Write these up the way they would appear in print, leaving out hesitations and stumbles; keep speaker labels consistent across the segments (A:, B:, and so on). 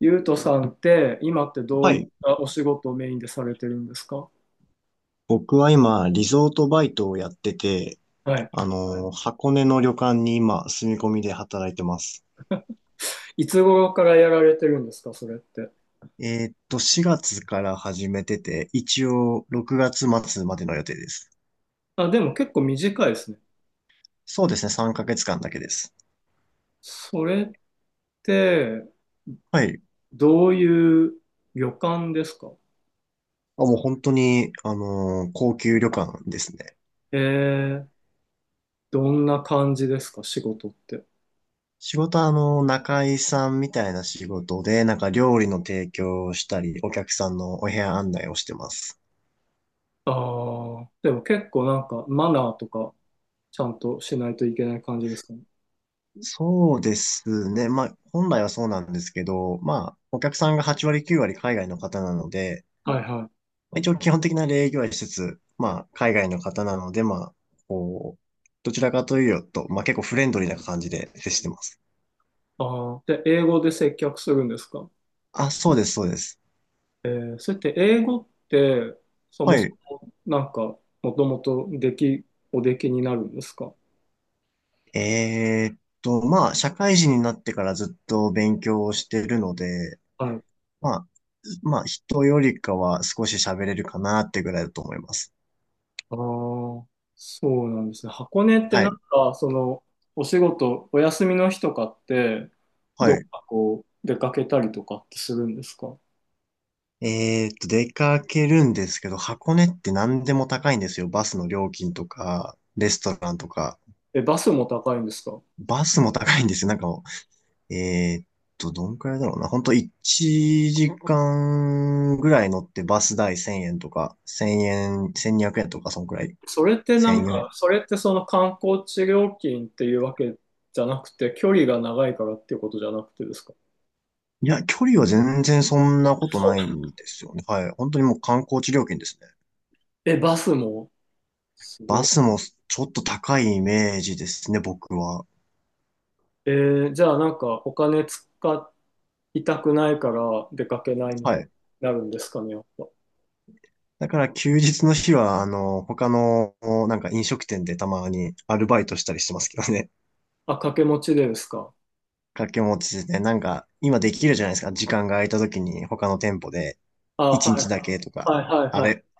A: ゆうとさんって今ってど
B: は
A: ういっ
B: い。
A: たお仕事をメインでされてるんですか？
B: 僕は今、リゾートバイトをやってて、
A: はい。
B: 箱根の旅館に今、住み込みで働いてます。
A: いつ頃からやられてるんですかそれって。
B: 4月から始めてて、一応、6月末までの予定です。
A: あ、でも結構短いですね。
B: そうですね、3ヶ月間だけです。
A: それって
B: はい。
A: どういう旅館ですか？
B: あ、もう本当に、高級旅館ですね。
A: えー、どんな感じですか仕事って。
B: 仕事は、仲居さんみたいな仕事で、なんか料理の提供をしたり、お客さんのお部屋案内をしてます。
A: ああ、でも結構なんかマナーとかちゃんとしないといけない感じですかね。
B: そうですね。まあ、本来はそうなんですけど、まあ、お客さんが8割9割海外の方なので、
A: はいはい。
B: まあ、一応基本的な礼儀はしつつ、まあ、海外の方なので、まあ、こう、どちらかというと、まあ結構フレンドリーな感じで接してます。
A: ああ、で、英語で接客するんですか？
B: あ、そうです、そうです。
A: えー、それって英語って
B: はい。
A: なんか、もともとでき、おできになるんですか？
B: まあ、社会人になってからずっと勉強をしてるので、
A: はい。
B: まあ、まあ、人よりかは少し喋れるかなってぐらいだと思います。
A: ああ、そうなんですね。箱根って
B: は
A: なん
B: い。
A: か、その、お仕事、お休みの日とかって、
B: は
A: どっ
B: い。
A: かこう、出かけたりとかってするんですか？
B: 出かけるんですけど、箱根って何でも高いんですよ。バスの料金とか、レストランとか。
A: え、バスも高いんですか？
B: バスも高いんですよ。なんかもう、どんくらいだろうな。ほんと1時間ぐらい乗ってバス代1000円とか、1円、1200円とか、そんくらい。
A: それって
B: 1
A: なん
B: 4 0
A: か、
B: 円。
A: それってその観光地料金っていうわけじゃなくて、距離が長いからっていうことじゃなくてですか？
B: いや、距離は全然そんなこと
A: そう。
B: ないんですよね。はい。本当にもう観光地料金ですね。
A: え、バスもす
B: バ
A: ご
B: ス
A: い。
B: もちょっと高いイメージですね、僕は。
A: えーじゃあなんかお金使っ痛くないから出かけないみ
B: は
A: たいに
B: い。
A: なるんですかね、やっぱ。
B: だから休日の日は、他の、なんか飲食店でたまにアルバイトしたりしてますけどね。
A: あ、掛け持ちでですか。
B: 掛け持ちで、なんか、今できるじゃないですか。時間が空いた時に他の店舗で
A: あ、
B: 1
A: はい
B: 日だけと
A: はい
B: か、
A: はい
B: あ
A: は
B: れ、
A: い。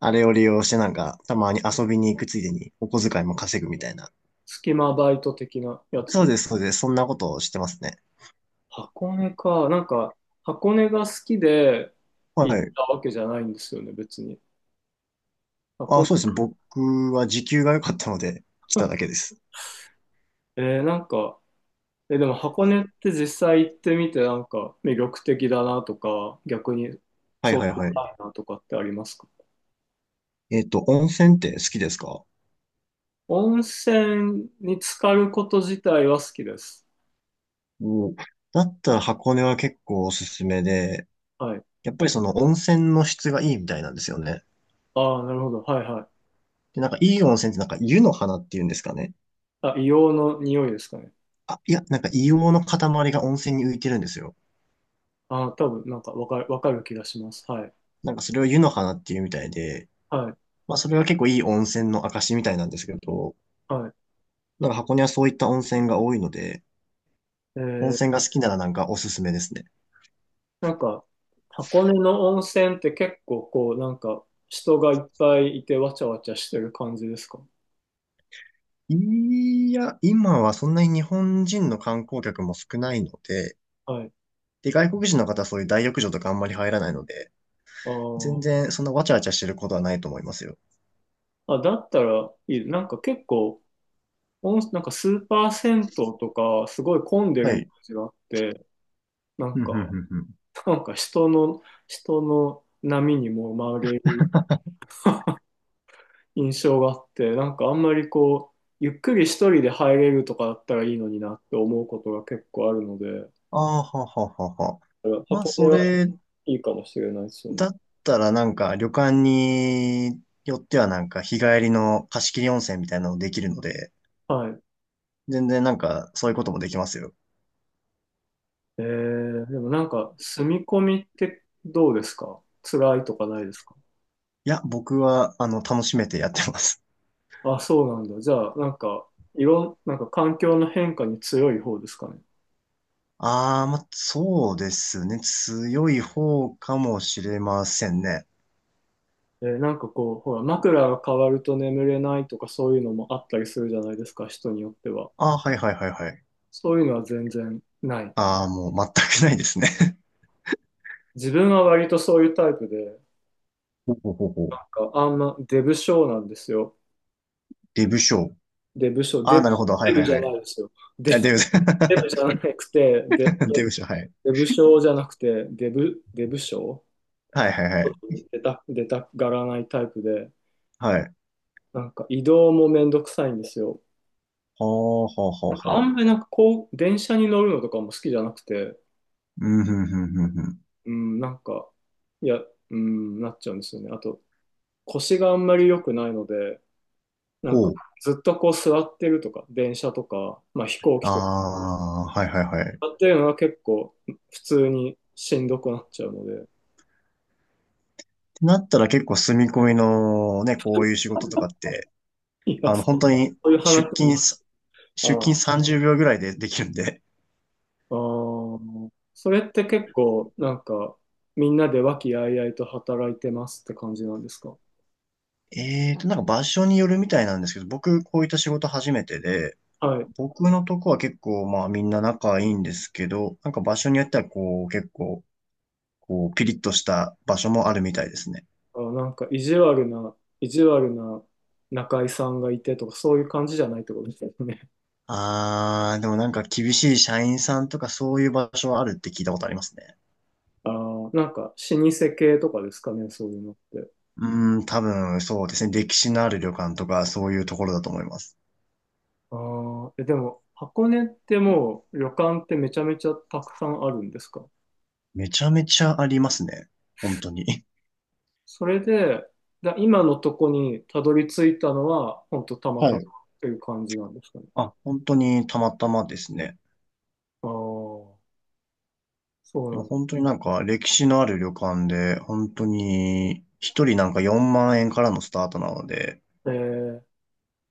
B: あれを利用してなんか、たまに遊びに行くついでにお小遣いも稼ぐみたいな。
A: 隙間バイト的なやつ
B: そ
A: で
B: う
A: す。
B: です、そうです。そんなことをしてますね。
A: 箱根か。なんか、箱根が好きで
B: は
A: 行っ
B: い。
A: たわけじゃないんですよね、別に。箱
B: あ、
A: 根、
B: そうですね。僕は時給が良かったので来ただけ です。
A: えーなんか、え、でも箱根って実際行ってみて、なんか魅力的だなとか、逆に
B: はい
A: そう
B: はい
A: でも
B: はい。
A: ないなとかってありますか？
B: 温泉って好きですか？
A: 温泉に浸かること自体は好きです。
B: おだったら箱根は結構おすすめで、
A: はい。
B: やっぱりその温泉の質がいいみたいなんですよね。
A: ああ、なるほど。はいはい。
B: で、なんかいい温泉ってなんか湯の花っていうんですかね。
A: あ、硫黄の匂いですかね。
B: あ、いや、なんか硫黄の塊が温泉に浮いてるんですよ。
A: あ、多分なんかわかる、わかる気がします。はい。
B: なんかそれを湯の花っていうみたいで、
A: はい。
B: まあそれは結構いい温泉の証みたいなんですけど、
A: は
B: なんか箱根はそういった温泉が多いので、
A: い。え
B: 温
A: ー、
B: 泉が好きならなんかおすすめですね。
A: なんか、箱根の温泉って結構こう、なんか、人がいっぱいいてわちゃわちゃしてる感じですか？
B: いや、今はそんなに日本人の観光客も少ないので、
A: はい。
B: で、外国人の方はそういう大浴場とかあんまり入らないので、
A: あ
B: 全
A: ー
B: 然そんなわちゃわちゃしてることはないと思いますよ。
A: あ、だったらいい。なんか結構、温なんかスーパー銭湯とか、すごい混んで
B: は
A: るイ
B: い。
A: メージがあって、なん
B: うんうん
A: か、
B: うんうん。
A: なんか人の、人の波にも紛れ印象があって、なんかあんまりこう、ゆっくり一人で入れるとかだったらいいのになって思うことが結構あるので、
B: ああ、はははは。まあ、
A: 箱根
B: そ
A: は
B: れ
A: いいかもしれないですよね。
B: だったらなんか旅館によってはなんか日帰りの貸し切り温泉みたいなのできるので、
A: はい。
B: 全然なんかそういうこともできますよ。
A: えー、でもなんか、住み込みってどうですか、辛いとかないですか？
B: いや、僕はあの楽しめてやってます。
A: あ、そうなんだ。じゃあ、なんか、いろん、なんか環境の変化に強い方ですかね。
B: ああ、まあ、そうですね。強い方かもしれませんね。
A: えー、なんかこう、ほら、枕が変わると眠れないとかそういうのもあったりするじゃないですか、人によっては。
B: ああ、はいはいはいはい。
A: そういうのは全然ない。
B: ああ、もう全くないですね。
A: 自分は割とそういうタイプで、
B: ほうほうほうほ
A: な
B: う。
A: んかあんまデブ症なんですよ。
B: デブ賞。
A: デブ症、
B: あ
A: デ
B: あ、
A: ブ、
B: なるほど。は
A: デ
B: いは
A: ブ
B: い
A: じゃ
B: は
A: な
B: い。
A: いですよ。デ
B: あ、デブ、
A: ブ、デブじゃなくて、デ ブ、
B: デブショー。
A: デブ症じゃなくて、デブ、デブ症
B: はいはいはいはい。
A: 出た、出たがらないタイプで、
B: はい。
A: なんか移動もめんどくさいんですよ。
B: はあ、はあ、はあ、
A: あ
B: は
A: ん
B: あ。
A: まりなんかこう、電車に乗るのとかも好きじゃなくて、
B: うん、ふん、ふん、ふん、ふん。
A: うん、なんか、いや、うん、なっちゃうんですよね。あと、腰があんまり良くないので、なんか、
B: ほう。
A: ずっとこう座ってるとか、電車とか、まあ飛行
B: あ
A: 機とか、
B: あ、はい、はい、はい。っ
A: 座ってるのは結構普通にしんどくなっちゃうので、
B: てなったら結構住み込みのね、こういう仕事とかって、
A: いや、そ
B: 本当に
A: ういう話
B: 出
A: に、
B: 勤す、出
A: あ
B: 勤30秒ぐらいでできるんで。
A: あー、それって結構、なんか、みんなで和気あいあいと働いてますって感じなんですか？
B: なんか場所によるみたいなんですけど、僕、こういった仕事初めてで、
A: はい。
B: 僕のとこは結構、まあみんな仲いいんですけど、なんか場所によってはこう、結構、ピリッとした場所もあるみたいですね。
A: あ、なんか、意地悪な、意地悪な中居さんがいてとか、そういう感じじゃないってことですよね。
B: あー、でもなんか厳しい社員さんとかそういう場所はあるって聞いたことありますね。
A: ああ、なんか、老舗系とかですかね、そういうのって。
B: うーん、多分そうですね。歴史のある旅館とかそういうところだと思います。
A: ああ、え、でも、箱根ってもう旅館ってめちゃめちゃたくさんあるんですか？
B: めちゃめちゃありますね。本当に。
A: それで、だ今のとこにたどり着いたのは、ほんとたま
B: は
A: たまっ
B: い。
A: ていう感じなんですかね。
B: あ、本当にたまたまですね。
A: ああ、そう
B: で
A: な
B: も
A: んだ。
B: 本当になんか歴史のある旅館で、本当に一人なんか4万円からのスタートなので、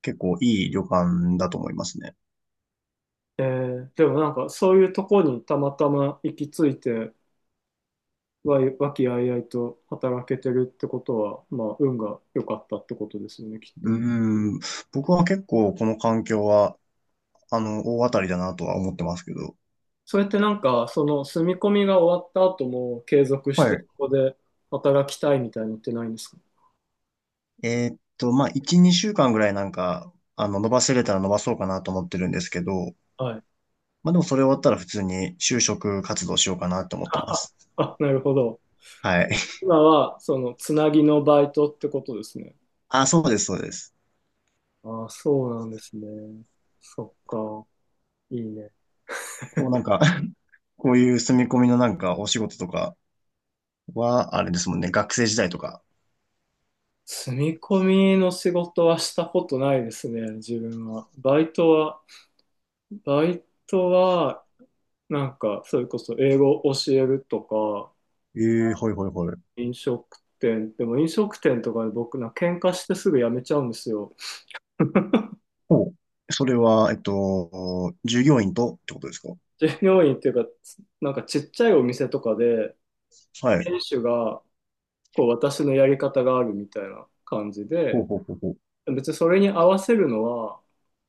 B: 結構いい旅館だと思いますね。
A: えー、えーでもなんかそういうとこにたまたま行き着いて、わい、和気あいあいと働けてるってことは、まあ、運が良かったってことですよね、きっと。
B: うーん、僕は結構この環境は、大当たりだなとは思ってますけど。
A: それってなんか、その住み込みが終わった後も継続
B: は
A: して
B: い。
A: ここで働きたいみたいのってないんですか？
B: まあ、1、2週間ぐらいなんか、伸ばせれたら伸ばそうかなと思ってるんですけど、
A: はい。
B: まあ、でもそれ終わったら普通に就職活動しようかなと思ってます。
A: あ、なるほど。
B: はい。
A: 今は、その、つなぎのバイトってことですね。
B: あ、そうです、そうです。
A: ああ、そうなんですね。そっか。いいね。
B: なんか こういう住み込みのなんかお仕事とかは、あれですもんね、学生時代とか。
A: 住み込みの仕事はしたことないですね、自分は。バイトは、バイトは、なんか、それこそ英語を教えるとか、
B: ええはいはいはい。
A: 飲食店、でも飲食店とかで僕な、喧嘩してすぐ辞めちゃうんですよ。
B: ほう。それは、従業員とってことですか？
A: 従業員っていうか、なんかちっちゃいお店とかで、
B: はい。
A: 店主がこう私のやり方があるみたいな感じ
B: ほう
A: で、
B: ほうほうほう。
A: 別にそれに合わせるのは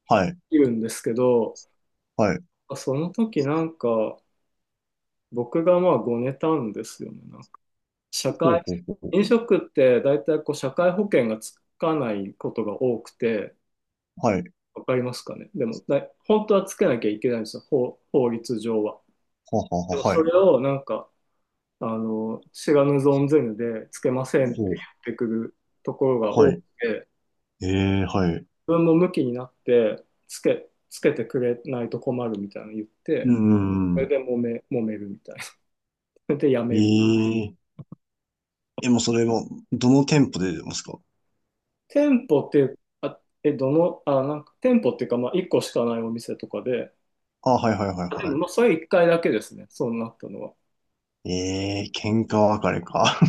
B: はい。
A: いるんですけど、
B: はい。
A: その時なんか僕がまあごねたんですよね。なんか社
B: ほう
A: 会、
B: ほうほうほう。
A: 飲食って大体こう社会保険がつかないことが多くて、
B: はい。
A: わかりますかね。でも、だい本当はつけなきゃいけないんですよ、法、法律上は。
B: ははは
A: でも
B: は、は
A: そ
B: い。
A: れをなんかあの、知らぬ存ぜぬでつけませんって
B: ほう。
A: 言ってくるところが
B: は
A: 多く
B: い。
A: て、
B: ええはい。
A: 自分も向きになってつけ、つけてくれないと困るみたいなの言っ
B: うー
A: て、それ
B: ん。
A: で揉め、揉めるみたいな。それでやめる。
B: えええ、もうそれも、どの店舗で出てますか？
A: 店舗って、あ、え、どの、あ、なんか店舗っていうか、まあ1個しかないお店とかで、
B: あ、はいはいはい
A: あでも
B: は
A: まあそれ1回だけですね、そうなったのは。
B: い。ええ、喧嘩別れか。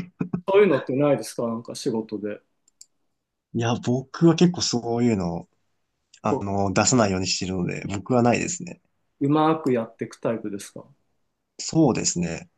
A: そういうのってないですかなんか仕事で。
B: いや、僕は結構そういうの、
A: こ
B: 出さないようにしてるので、僕はないですね。
A: う、うまくやっていくタイプですか？
B: そうですね。